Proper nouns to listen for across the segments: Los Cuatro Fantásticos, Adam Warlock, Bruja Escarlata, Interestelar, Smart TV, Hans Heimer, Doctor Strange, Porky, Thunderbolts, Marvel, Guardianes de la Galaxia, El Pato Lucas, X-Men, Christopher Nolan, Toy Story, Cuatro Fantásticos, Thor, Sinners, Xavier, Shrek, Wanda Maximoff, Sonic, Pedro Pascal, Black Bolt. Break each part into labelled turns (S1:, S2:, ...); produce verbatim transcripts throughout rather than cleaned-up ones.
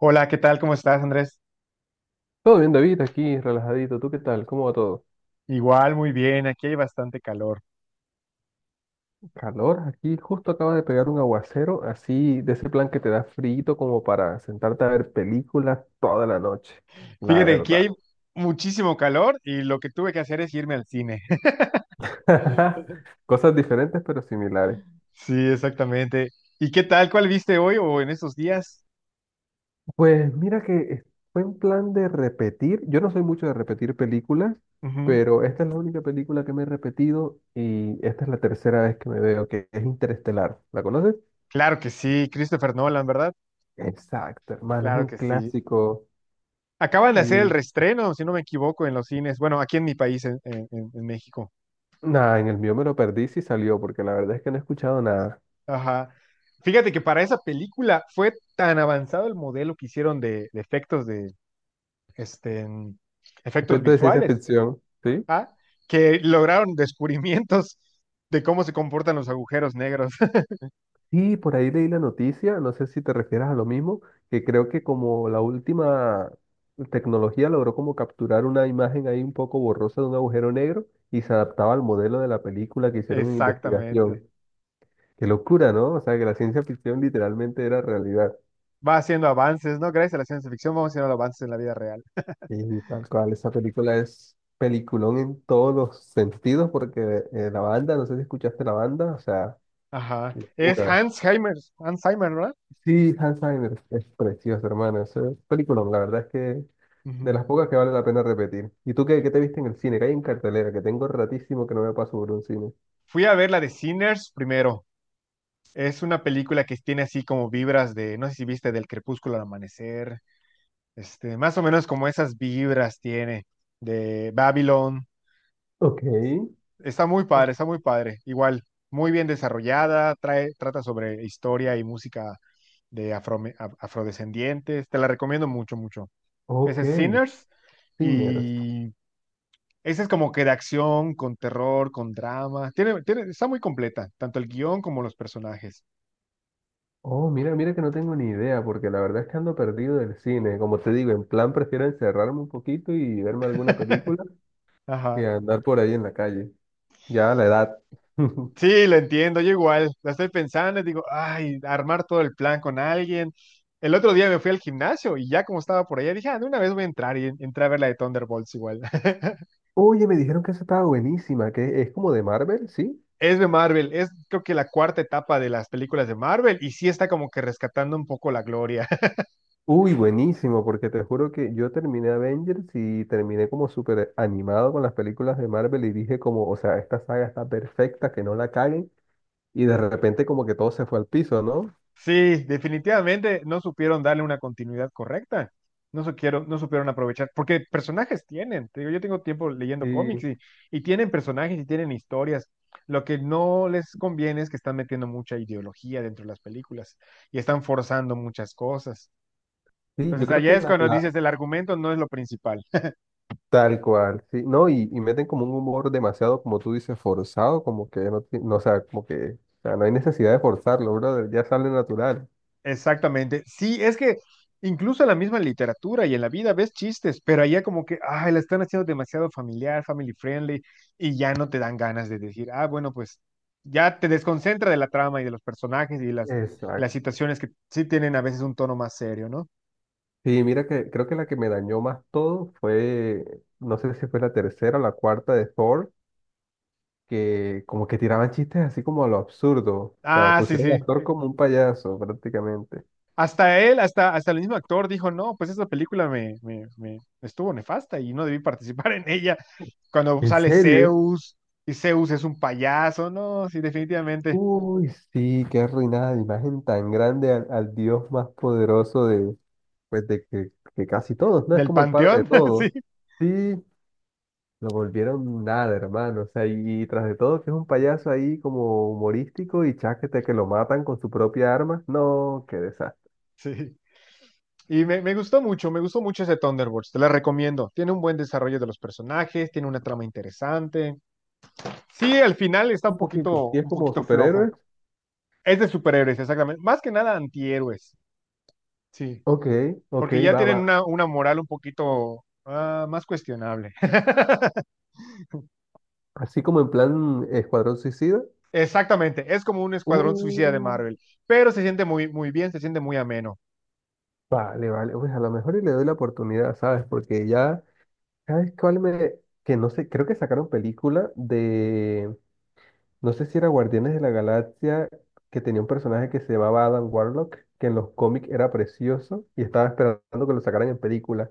S1: Hola, ¿qué tal? ¿Cómo estás, Andrés?
S2: Todo bien, David, aquí relajadito. ¿Tú qué tal? ¿Cómo va todo?
S1: Igual, muy bien. Aquí hay bastante calor.
S2: Calor, aquí justo acaba de pegar un aguacero, así de ese plan que te da frío como para sentarte a ver películas toda la noche. La
S1: Fíjate, aquí
S2: verdad.
S1: hay muchísimo calor y lo que tuve que hacer es irme al cine.
S2: Cosas diferentes pero similares.
S1: Sí, exactamente. ¿Y qué tal? ¿Cuál viste hoy o en estos días?
S2: Pues mira que es- fue un plan de repetir. Yo no soy mucho de repetir películas,
S1: Ujú.
S2: pero esta es la única película que me he repetido y esta es la tercera vez que me veo, que es Interestelar. ¿La conoces?
S1: Claro que sí, Christopher Nolan, ¿verdad?
S2: Exacto, hermano, es
S1: Claro
S2: un
S1: que sí.
S2: clásico.
S1: Acaban de hacer el reestreno, si no me equivoco, en los cines. Bueno, aquí en mi país, en, en- en- en México.
S2: Nada, en el mío me lo perdí si salió, porque la verdad es que no he escuchado nada.
S1: Ajá. Fíjate que para esa película fue tan avanzado el modelo que hicieron de, de efectos de este, efectos
S2: Respecto de ciencia
S1: visuales
S2: ficción, ¿sí?
S1: ah, que lograron descubrimientos de cómo se comportan los agujeros negros.
S2: Sí, por ahí leí la noticia, no sé si te refieres a lo mismo, que creo que como la última tecnología logró como capturar una imagen ahí un poco borrosa de un agujero negro y se adaptaba al modelo de la película que hicieron en
S1: Exactamente.
S2: investigación. Qué locura, ¿no? O sea, que la ciencia ficción literalmente era realidad.
S1: Va haciendo avances, ¿no? Gracias a la ciencia ficción vamos haciendo avances en la vida real.
S2: Y tal cual, esa película es peliculón en todos los sentidos, porque eh, la banda, no sé si escuchaste la banda, o sea...
S1: Ajá. Es
S2: Locura.
S1: Hans Heimer, Hans Heimer, ¿verdad?
S2: Sí, Alzheimer es preciosa, hermano. Esa película, la verdad es que de
S1: Ujú.
S2: las pocas que vale la pena repetir. ¿Y tú qué, qué te viste en el cine? Que hay en cartelera, que tengo ratísimo que no me paso por un cine.
S1: Fui a ver la de Sinners primero. Es una película que tiene así como vibras de, no sé si viste, del crepúsculo al amanecer, este, más o menos como esas vibras tiene de Babylon.
S2: Ok.
S1: Está muy
S2: Uf.
S1: padre, está muy padre. Igual, muy bien desarrollada, trae, trata sobre historia y música de afro, af- afrodescendientes. Te la recomiendo mucho, mucho. Ese
S2: Ok.
S1: es Sinners
S2: Sinners.
S1: y ese es como que de acción, con terror, con drama. Tiene, tiene, está muy completa, tanto el guión como los personajes.
S2: Oh, mira, mira que no tengo ni idea, porque la verdad es que ando perdido del cine. Como te digo, en plan prefiero encerrarme un poquito y verme alguna película que
S1: Ajá.
S2: andar por ahí en la calle. Ya la edad.
S1: Sí, lo entiendo, yo igual. La estoy pensando y digo, ay, armar todo el plan con alguien. El otro día me fui al gimnasio y ya como estaba por allá, dije, ah, de una vez voy a entrar y en- entré a ver la de Thunderbolts igual.
S2: Oye, me dijeron que esa estaba buenísima, que es como de Marvel, ¿sí?
S1: Es de Marvel, es creo que la cuarta etapa de las películas de Marvel y sí está como que rescatando un poco la gloria.
S2: Uy, buenísimo, porque te juro que yo terminé Avengers y terminé como súper animado con las películas de Marvel y dije como, o sea, esta saga está perfecta, que no la caguen, y de repente como que todo se fue al piso, ¿no?
S1: Sí, definitivamente no supieron darle una continuidad correcta. No supieron, no supieron aprovechar, porque personajes tienen. Te digo, yo tengo tiempo leyendo
S2: Sí,
S1: cómics y, y tienen personajes y tienen historias. Lo que no les conviene es que están metiendo mucha ideología dentro de las películas y están forzando muchas cosas.
S2: sí, yo
S1: Entonces
S2: creo que
S1: allá es
S2: la,
S1: cuando
S2: la-
S1: dices el argumento no es lo principal.
S2: tal cual, sí, no, y, y meten como un humor demasiado, como tú dices, forzado, como que no, ti- no, o sea, como que, o sea, no hay necesidad de forzarlo, brother, ya sale natural.
S1: Exactamente. Sí, es que incluso en la misma literatura y en la vida ves chistes, pero allá como que, ay, la están haciendo demasiado familiar, family friendly, y ya no te dan ganas de decir, ah, bueno, pues ya te desconcentra de la trama y de los personajes y las, las
S2: Exacto.
S1: situaciones que sí tienen a veces un tono más serio, ¿no?
S2: Sí, mira que creo que la que me dañó más todo fue, no sé si fue la tercera o la cuarta de Thor, que como que tiraban chistes así como a lo absurdo. O sea,
S1: Ah, sí,
S2: pusieron al
S1: sí.
S2: actor como un payaso prácticamente.
S1: Hasta él, hasta, hasta el mismo actor dijo, no, pues esa película me, me, me estuvo nefasta y no debí participar en ella. Cuando
S2: ¿En
S1: sale
S2: serio?
S1: Zeus y Zeus es un payaso, no, sí, definitivamente.
S2: Uy, sí, qué arruinada de imagen tan grande al, al Dios más poderoso de, pues de que, que casi todos, ¿no? Es
S1: Del
S2: como el padre de
S1: Panteón,
S2: todos.
S1: sí,
S2: Sí, lo volvieron nada, hermano. O sea, y, y tras de todo que es un payaso ahí como humorístico y cháquete que lo matan con su propia arma. No, qué desastre.
S1: sí. Y me, me gustó mucho, me gustó mucho ese Thunderbolts, te la recomiendo. Tiene un buen desarrollo de los personajes, tiene una trama interesante. Sí, al final está
S2: Un
S1: un
S2: poquito.
S1: poquito,
S2: Sí, es
S1: un
S2: como
S1: poquito flojo.
S2: superhéroes,
S1: Es de superhéroes, exactamente. Más que nada antihéroes, sí.
S2: ok, ok,
S1: Porque ya
S2: va,
S1: tienen
S2: va.
S1: una, una moral un poquito ah, más cuestionable.
S2: Así como en plan Escuadrón Suicida.
S1: Exactamente, es como un escuadrón suicida de
S2: Uh,
S1: Marvel, pero se siente muy, muy bien, se siente muy ameno.
S2: vale, vale. Pues a lo mejor y le doy la oportunidad, ¿sabes? Porque ya, ¿sabes cuál me...? Que no sé, creo que sacaron película de... No sé si era Guardianes de la Galaxia, que tenía un personaje que se llamaba Adam Warlock, que en los cómics era precioso y estaba esperando que lo sacaran en película.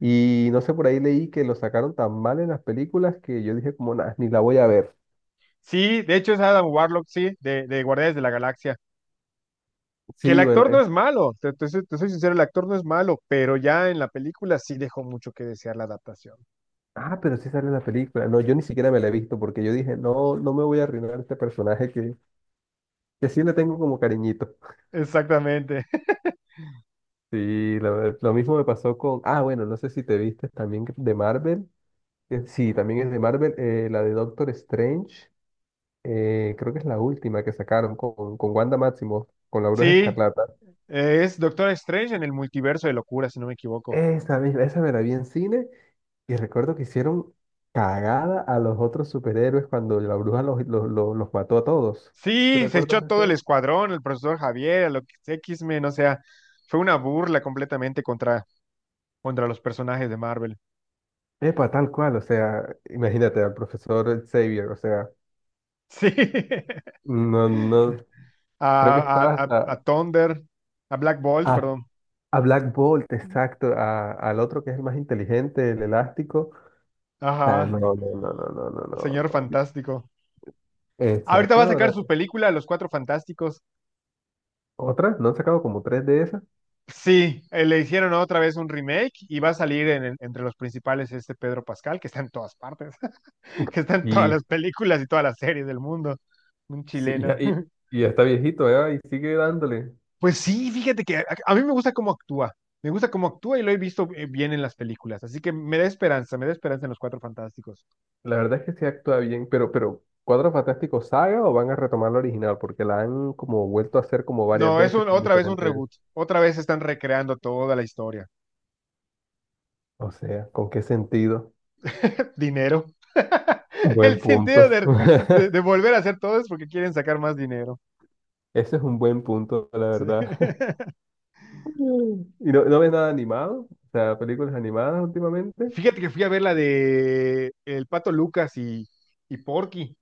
S2: Y no sé, por ahí leí que lo sacaron tan mal en las películas que yo dije como, nada, ni la voy a ver.
S1: Sí, de hecho es Adam Warlock, sí, de, de Guardianes de la Galaxia. Que el
S2: Sí, bueno.
S1: actor no es malo, te, te soy te soy sincero, el actor no es malo, pero ya en la película sí dejó mucho que desear la adaptación.
S2: Ah, pero sí sale en la película. No, yo ni siquiera me la he visto porque yo dije, no, no me voy a arruinar este personaje que, que sí le tengo como cariñito.
S1: Exactamente.
S2: Sí, lo, lo mismo me pasó con, ah, bueno, no sé si te viste también de Marvel. Que sí, también es de Marvel, eh, la de Doctor Strange. Eh, creo que es la última que sacaron con, con Wanda Maximoff, con la Bruja
S1: Sí,
S2: Escarlata.
S1: eh, es Doctor Strange en el multiverso de locura, si no me equivoco.
S2: Esa misma, esa me la vi en cine y recuerdo que hicieron cagada a los otros superhéroes cuando la bruja los, los, los, los mató a todos. ¿Te
S1: Sí, se echó
S2: recuerdas?
S1: todo el escuadrón, el profesor Javier, a lo que X-Men, o sea, fue una burla completamente contra, contra los personajes de Marvel.
S2: Epa, tal cual, o sea, imagínate al profesor Xavier, o sea,
S1: Sí,
S2: no, no, creo que
S1: a,
S2: estaba
S1: a, a,
S2: hasta
S1: a Thunder, a Black Bolt,
S2: a,
S1: perdón.
S2: a Black Bolt, exacto, a- al otro que es el más inteligente, el elástico, o no, no,
S1: Ajá,
S2: no, no, no, no,
S1: el
S2: no,
S1: señor
S2: no, yo-
S1: fantástico. Ahorita
S2: exacto,
S1: va a
S2: no,
S1: sacar
S2: no,
S1: su película, Los Cuatro Fantásticos.
S2: otra, no han sacado como tres de esas,
S1: Sí, eh, le hicieron otra vez un remake y va a salir en- en- entre los principales este Pedro Pascal, que está en todas partes, que está en todas
S2: y,
S1: las películas y todas las series del mundo, un
S2: sí, y, ya
S1: chileno.
S2: y- y ya está viejito, ¿eh? Y sigue dándole,
S1: Pues sí, fíjate que a, a mí me gusta cómo actúa, me gusta cómo actúa y lo he visto eh, bien en las películas, así que me da esperanza, me da esperanza en los Cuatro Fantásticos.
S2: la verdad es que sí actúa bien, pero, pero, ¿Cuatro Fantásticos saga o van a retomar la original? Porque la han como vuelto a hacer como varias
S1: No, es
S2: veces
S1: un-
S2: con
S1: otra vez un
S2: diferentes,
S1: reboot, otra vez están recreando toda la historia.
S2: o sea, ¿con qué sentido?
S1: Dinero.
S2: Buen
S1: El sentido
S2: punto.
S1: de, de de volver a hacer todo es porque quieren sacar más dinero.
S2: Ese es un buen punto, la
S1: Sí.
S2: verdad. ¿Y no, no ves nada animado? O sea, películas animadas últimamente.
S1: Fíjate que fui a ver la de El Pato Lucas y, y Porky,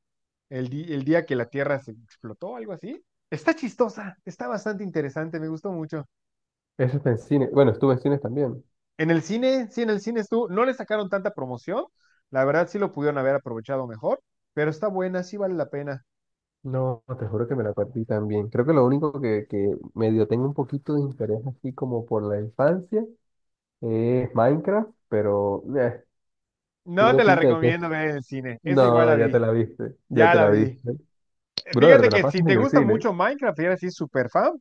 S1: el, di- el día que la Tierra se explotó, algo así. Está chistosa, está bastante interesante, me gustó mucho.
S2: Eso está en cine. Bueno, estuve en cines también.
S1: En el cine, sí, en el cine estuvo, no le sacaron tanta promoción, la verdad sí lo pudieron haber aprovechado mejor, pero está buena, sí vale la pena.
S2: No, te juro que me la perdí también. Creo que lo único que, que medio tengo un poquito de interés así como por la infancia es Minecraft, pero eh,
S1: No
S2: tengo
S1: te la
S2: pinta de que...
S1: recomiendo ver en el cine, esa igual
S2: No,
S1: la
S2: ya te
S1: vi,
S2: la viste, ya
S1: ya
S2: te
S1: la
S2: la
S1: vi.
S2: viste. Brother,
S1: Fíjate
S2: te la
S1: que si
S2: pasas en
S1: te
S2: el
S1: gusta
S2: cine.
S1: mucho Minecraft y eres así súper fan,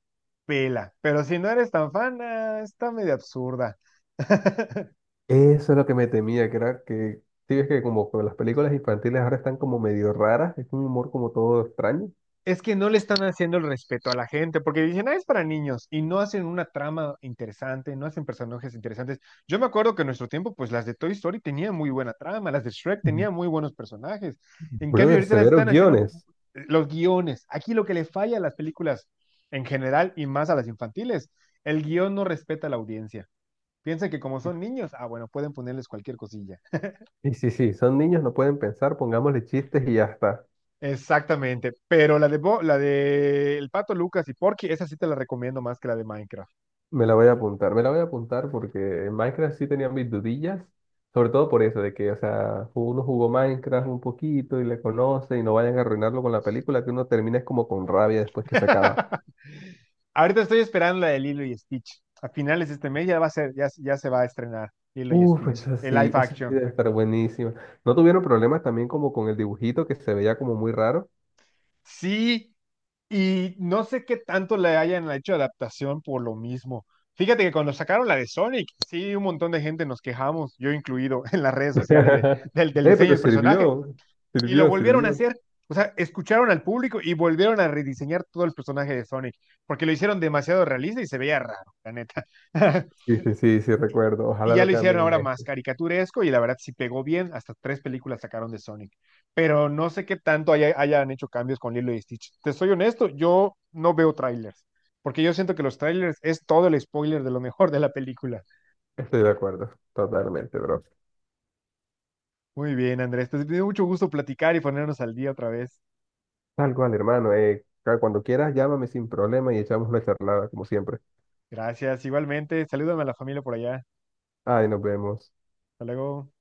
S1: pela, pero si no eres tan fan, ah, está medio absurda.
S2: Eso es lo que me temía, que era que, sí, ves que como que las películas infantiles ahora están como medio raras, es un humor como todo extraño.
S1: Es que no le están haciendo el respeto a la gente, porque dicen, ah, es para niños, y no hacen una trama interesante, no hacen personajes interesantes. Yo me acuerdo que en nuestro tiempo, pues las de Toy Story tenían muy buena trama, las de Shrek
S2: Mm.
S1: tenían muy buenos personajes. En cambio,
S2: Brother,
S1: ahorita las
S2: severos
S1: están haciendo
S2: guiones.
S1: eh, los guiones. Aquí lo que le falla a las películas en general y más a las infantiles, el guión no respeta a la audiencia. Piensan que como son niños, ah, bueno, pueden ponerles cualquier cosilla.
S2: Y sí, sí, son niños, no pueden pensar, pongámosle chistes y ya está.
S1: Exactamente, pero la de, Bo- la de El Pato Lucas y Porky, esa sí te la recomiendo más que la de Minecraft.
S2: Me la voy a apuntar, me la voy a apuntar porque en Minecraft sí tenía mis dudillas, sobre todo por eso, de que, o sea, uno jugó Minecraft un poquito y le conoce y no vayan a arruinarlo con la película, que uno termina es como con rabia después que se acaba.
S1: Ahorita estoy esperando la de Lilo y Stitch. A finales de este mes ya va a ser, ya, ya se va a estrenar Lilo y
S2: Uf,
S1: Stitch,
S2: esa
S1: el live
S2: sí, esa sí
S1: action.
S2: debe estar buenísima. ¿No tuvieron problemas también como con el dibujito que se veía como muy raro?
S1: Sí, y no sé qué tanto le hayan hecho adaptación por lo mismo. Fíjate que cuando sacaron la de Sonic, sí, un montón de gente nos quejamos, yo incluido, en las redes sociales de, del, del
S2: Eh,
S1: diseño
S2: pero
S1: del personaje,
S2: sirvió,
S1: y lo
S2: sirvió,
S1: volvieron a
S2: sirvió.
S1: hacer. O sea, escucharon al público y volvieron a rediseñar todo el personaje de Sonic, porque lo hicieron demasiado realista y se veía raro, la neta.
S2: Sí, sí, sí, sí, recuerdo.
S1: Y
S2: Ojalá
S1: ya
S2: lo
S1: lo hicieron
S2: cambien
S1: ahora
S2: a
S1: más
S2: esto.
S1: caricaturesco y la verdad sí pegó bien, hasta tres películas sacaron de Sonic, pero no sé qué tanto haya- hayan hecho cambios con Lilo y Stitch. Te soy honesto, yo no veo trailers, porque yo siento que los trailers es todo el spoiler de lo mejor de la película.
S2: Estoy de acuerdo, totalmente, bro.
S1: Muy bien, Andrés, te dio mucho gusto platicar y ponernos al día otra vez.
S2: Tal cual, hermano. Eh, ca- cuando quieras, llámame sin problema y echamos una charlada, como siempre.
S1: Gracias, igualmente, salúdame a la familia por allá.
S2: Ay, nos vemos.
S1: Hasta luego.